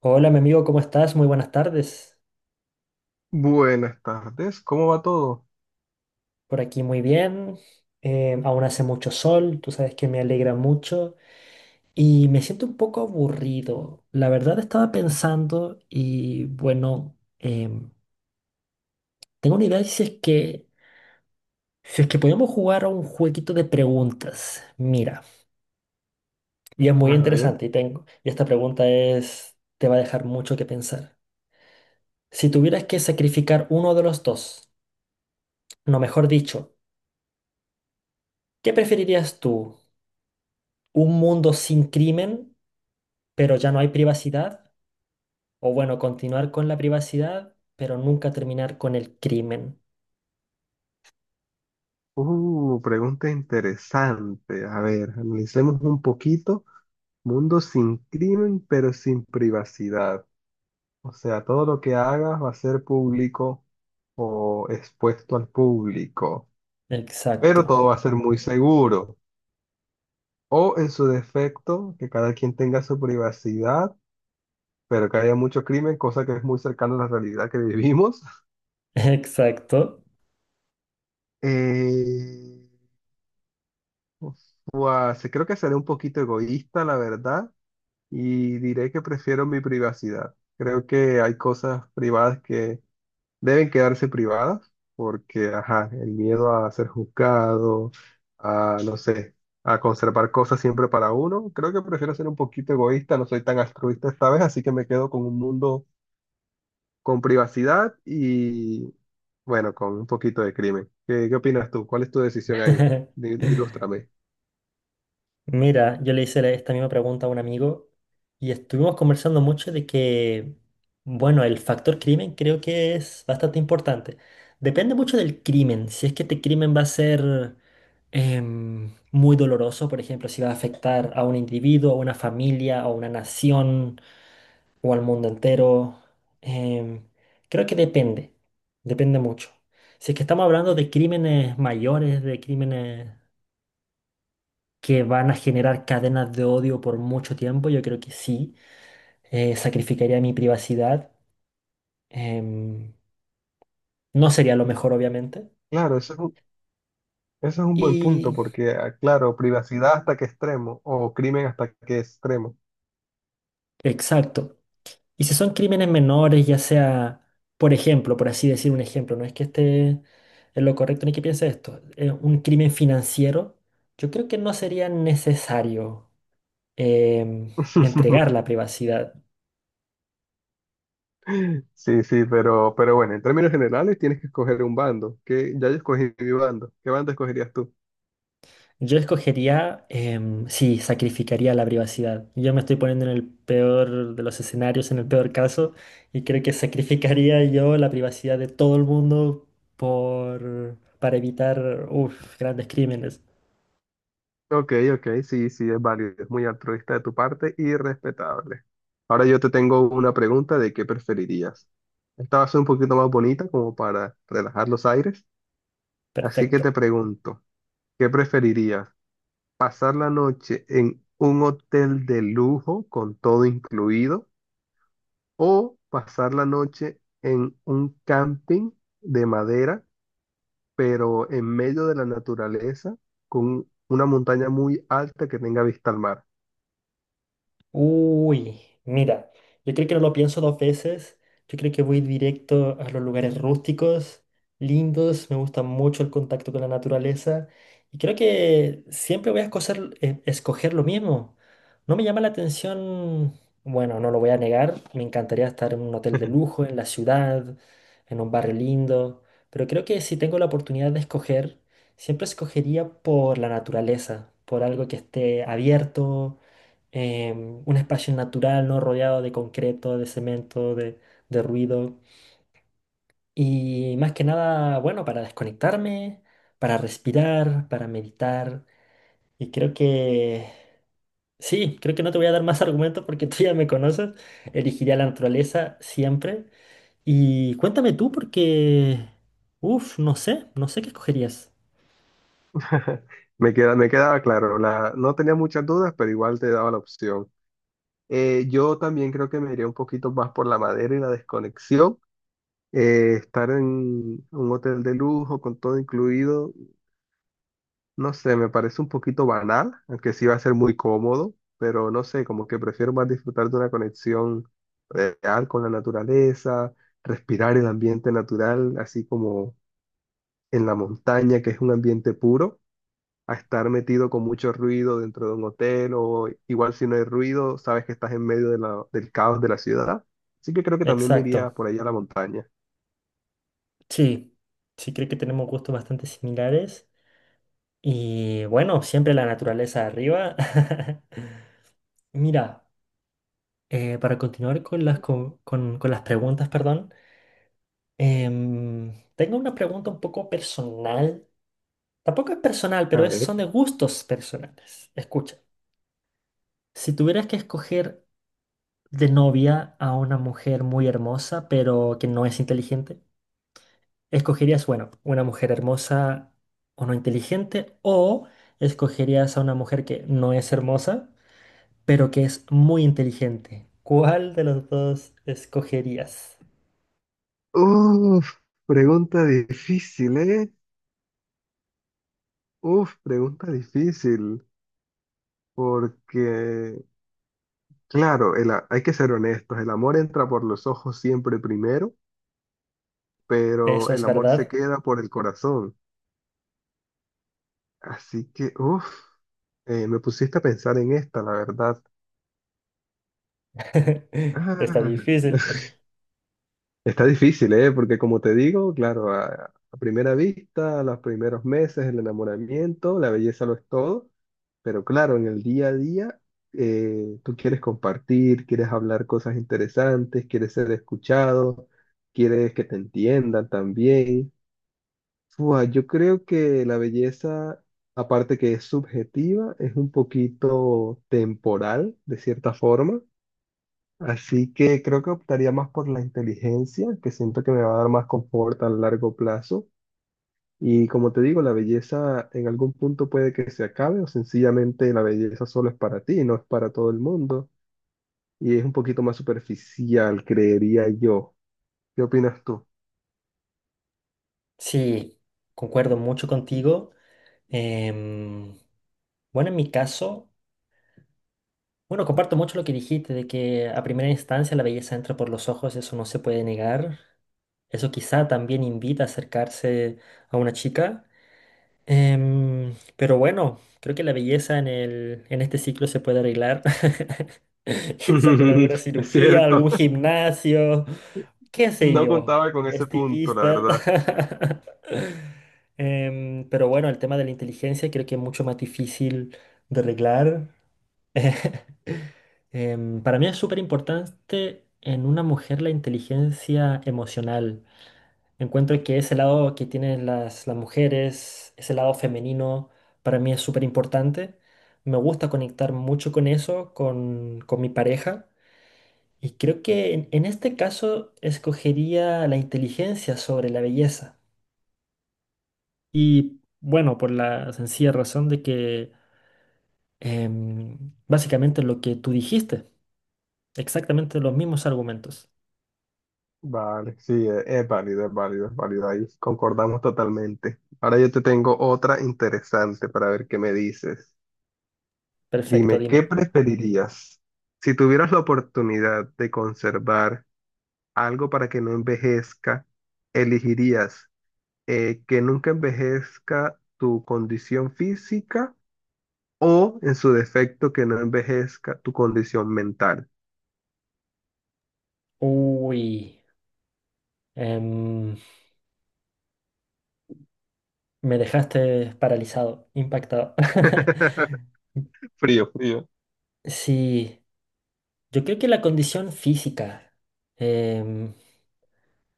Hola, mi amigo, ¿cómo estás? Muy buenas tardes. Buenas tardes, ¿cómo va todo? Por aquí muy bien. Aún hace mucho sol, tú sabes que me alegra mucho y me siento un poco aburrido. La verdad estaba pensando y bueno, tengo una idea de si es que podemos jugar a un jueguito de preguntas. Mira, y es A muy ver, interesante y y esta pregunta es, te va a dejar mucho que pensar. Si tuvieras que sacrificar uno de los dos, no, mejor dicho, ¿qué preferirías tú? Un mundo sin crimen, pero ya no hay privacidad, o bueno, continuar con la privacidad, pero nunca terminar con el crimen. Pregunta interesante. A ver, analicemos un poquito. Mundo sin crimen, pero sin privacidad. O sea, todo lo que hagas va a ser público o expuesto al público, Exacto, pero todo va a ser muy seguro. O en su defecto, que cada quien tenga su privacidad, pero que haya mucho crimen, cosa que es muy cercana a la realidad que vivimos. exacto. Eh, Uf, Guau, sí, creo que seré un poquito egoísta, la verdad, y diré que prefiero mi privacidad. Creo que hay cosas privadas que deben quedarse privadas, porque, ajá, el miedo a ser juzgado, a, no sé, a conservar cosas siempre para uno. Creo que prefiero ser un poquito egoísta, no soy tan altruista esta vez, así que me quedo con un mundo con privacidad y, bueno, con un poquito de crimen. ¿Qué, qué opinas tú? ¿Cuál es tu decisión ahí? Ilústrame. Mira, yo esta misma pregunta a un amigo y estuvimos conversando mucho de que, bueno, el factor crimen creo que es bastante importante. Depende mucho del crimen, si es que este crimen va a ser muy doloroso. Por ejemplo, si va a afectar a un individuo, a una familia, a una nación, o al mundo entero. em, Creo que depende mucho. Si es que estamos hablando de crímenes mayores, de crímenes que van a generar cadenas de odio por mucho tiempo, yo creo que sí, sacrificaría mi privacidad. em, no sería lo mejor, obviamente. Claro, eso es un buen punto Y porque, ah, claro, privacidad hasta qué extremo o crimen hasta qué extremo. exacto. Y si son crímenes menores, ya sea, por ejemplo, por así decir un ejemplo, no es que esté en lo correcto ni que piense esto, un crimen financiero, yo creo que no sería necesario em, entregar la privacidad. Sí. Sí, sí, pero bueno, en términos generales tienes que escoger un bando. Que ya yo escogí mi bando. ¿Qué bando escogerías tú? Yo escogería, sí, sacrificaría la privacidad. Yo me estoy poniendo en el peor de los escenarios, en el peor caso, y creo que sacrificaría yo la privacidad de todo el mundo para evitar, uf, grandes crímenes. Ok, ok, sí, sí, es válido, es muy altruista de tu parte y respetable. Ahora yo te tengo una pregunta de qué preferirías. Esta va a ser un poquito más bonita como para relajar los aires, así que Perfecto. te pregunto, ¿qué preferirías? Pasar la noche en un hotel de lujo con todo incluido o pasar la noche en un camping de madera, pero en medio de la naturaleza con una montaña muy alta que tenga vista al mar. Uy, mira, yo creo que no lo pienso dos veces. Yo creo que voy directo a los lugares rústicos, lindos. Me gusta mucho el contacto con la naturaleza. Y creo que siempre voy a escoger lo mismo. No me llama la atención, bueno, no lo voy a negar. Me encantaría estar en un hotel de lujo, en la ciudad, en un barrio lindo. Pero creo que si tengo la oportunidad de escoger, siempre escogería por la naturaleza, por algo que esté abierto, un espacio natural, no rodeado de concreto, de ruido. Y más que nada, bueno, para desconectarme, para respirar, para meditar. Y creo que, sí, creo que no te voy a dar más argumentos porque tú ya me conoces. Elegiría la naturaleza siempre. Y cuéntame tú porque, uff, no sé qué escogerías. Me quedaba claro, no tenía muchas dudas, pero igual te daba la opción. Yo también creo que me iría un poquito más por la madera y la desconexión. Estar en un hotel de lujo con todo incluido, no sé, me parece un poquito banal, aunque sí va a ser muy cómodo, pero no sé, como que prefiero más disfrutar de una conexión real con la naturaleza, respirar el ambiente natural, así como en la montaña, que es un ambiente puro, a estar metido con mucho ruido dentro de un hotel o igual si no hay ruido, sabes que estás en medio de del caos de la ciudad. Así que creo que también me iría Exacto. por ahí a la montaña. Sí, sí, creo que tenemos gustos bastante similares. Y bueno, siempre la naturaleza arriba. Mira, para continuar con con las preguntas, perdón, tengo una pregunta un poco personal. Tampoco es personal, A pero ver. son de gustos personales. Escucha, si tuvieras que escoger de novia a una mujer muy hermosa, pero que no es inteligente, ¿escogerías, bueno, una mujer hermosa o no inteligente? ¿O escogerías a una mujer que no es hermosa, pero que es muy inteligente? ¿Cuál de los dos escogerías? Uf, pregunta difícil, ¿eh? Uf, pregunta difícil. Porque, claro, hay que ser honestos, el amor entra por los ojos siempre primero, pero Eso es el amor se verdad. queda por el corazón. Así que, uff, me pusiste a pensar en esta, la verdad. Ah, Está difícil. está difícil, ¿eh? Porque como te digo, claro, a primera vista, a los primeros meses, el enamoramiento, la belleza lo es todo, pero claro, en el día a día, tú quieres compartir, quieres hablar cosas interesantes, quieres ser escuchado, quieres que te entiendan también. Fua, yo creo que la belleza, aparte que es subjetiva, es un poquito temporal, de cierta forma. Así que creo que optaría más por la inteligencia, que siento que me va a dar más confort a largo plazo. Y como te digo, la belleza en algún punto puede que se acabe o sencillamente la belleza solo es para ti, no es para todo el mundo. Y es un poquito más superficial, creería yo. ¿Qué opinas tú? Sí, concuerdo mucho contigo. Em, bueno, en mi caso, bueno, comparto mucho lo que dijiste de que a primera instancia la belleza entra por los ojos, eso no se puede negar. Eso quizá también invita a acercarse a una chica. Pero bueno, creo que la belleza en este ciclo se puede arreglar. Quizá con alguna Es cirugía, cierto, algún gimnasio, qué sé no yo, contaba con ese punto, la estilistas. verdad. Pero bueno, el tema de la inteligencia creo que es mucho más difícil de arreglar. Para mí es súper importante en una mujer la inteligencia emocional. Encuentro que ese lado que tienen las mujeres, ese lado femenino, para mí es súper importante. Me gusta conectar mucho con eso, con mi pareja. Y creo que en este caso escogería la inteligencia sobre la belleza. Y bueno, por la sencilla razón de que básicamente lo que tú dijiste, exactamente los mismos argumentos. Vale, sí, es válido, es válido, es válido. Ahí concordamos totalmente. Ahora yo te tengo otra interesante para ver qué me dices. Perfecto, Dime, ¿qué dime. preferirías? Si tuvieras la oportunidad de conservar algo para que no envejezca, ¿elegirías que nunca envejezca tu condición física o, en su defecto, que no envejezca tu condición mental? Uy. em, Me dejaste paralizado, impactado. Frío, frío. Sí, yo creo que la condición física. em,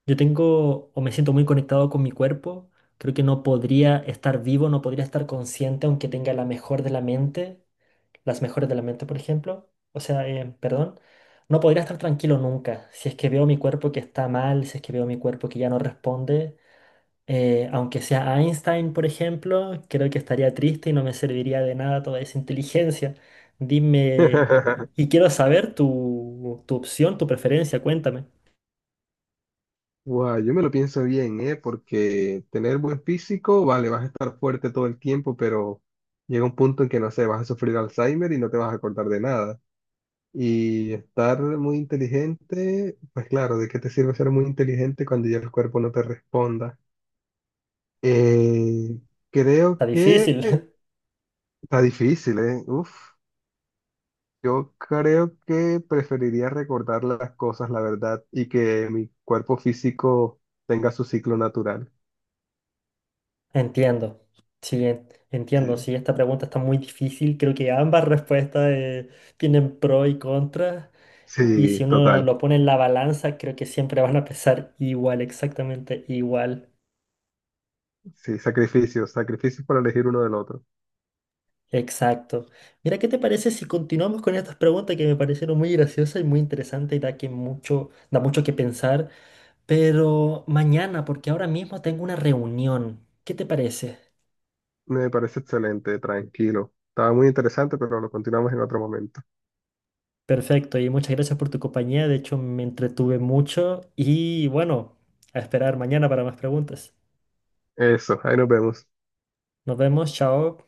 yo tengo o me siento muy conectado con mi cuerpo. Creo que no podría estar vivo, no podría estar consciente, aunque tenga la mejor de las mejores de la mente, por ejemplo. O sea, perdón, no podría estar tranquilo nunca. Si es que veo mi cuerpo que está mal, si es que veo mi cuerpo que ya no responde, aunque sea Einstein, por ejemplo, creo que estaría triste y no me serviría de nada toda esa inteligencia. Dime, y y quiero saber tu opción, tu preferencia, cuéntame. Guau, yo me lo pienso bien, ¿eh? Porque tener buen físico, vale, vas a estar fuerte todo el tiempo, pero llega un punto en que, no sé, vas a sufrir Alzheimer y no te vas a acordar de nada. Y estar muy inteligente, pues claro, ¿de qué te sirve ser muy inteligente cuando ya el cuerpo no te responda? Eh, creo Está que difícil. Está difícil, ¿eh? Uf, yo creo que preferiría recordar las cosas, la verdad, y que mi cuerpo físico tenga su ciclo natural. Entiendo. Sí, Sí, entiendo. Sí, esta pregunta está muy difícil. Creo que ambas respuestas tienen pro y contra. Y si sí, uno total. lo pone en la balanza, creo que siempre van a pesar igual, exactamente igual. Sí, sacrificios, sacrificios para elegir uno del otro. Exacto. Mira, ¿qué te parece si continuamos con estas preguntas que me parecieron muy graciosas y muy interesantes y da mucho que pensar? Pero mañana, porque ahora mismo tengo una reunión. ¿Qué te parece? Me parece excelente, tranquilo. Estaba muy interesante, pero lo continuamos en otro momento. Perfecto, y muchas gracias por tu compañía. De hecho, me entretuve mucho y bueno, a esperar mañana para más preguntas. Eso, ahí nos vemos. Nos vemos, chao.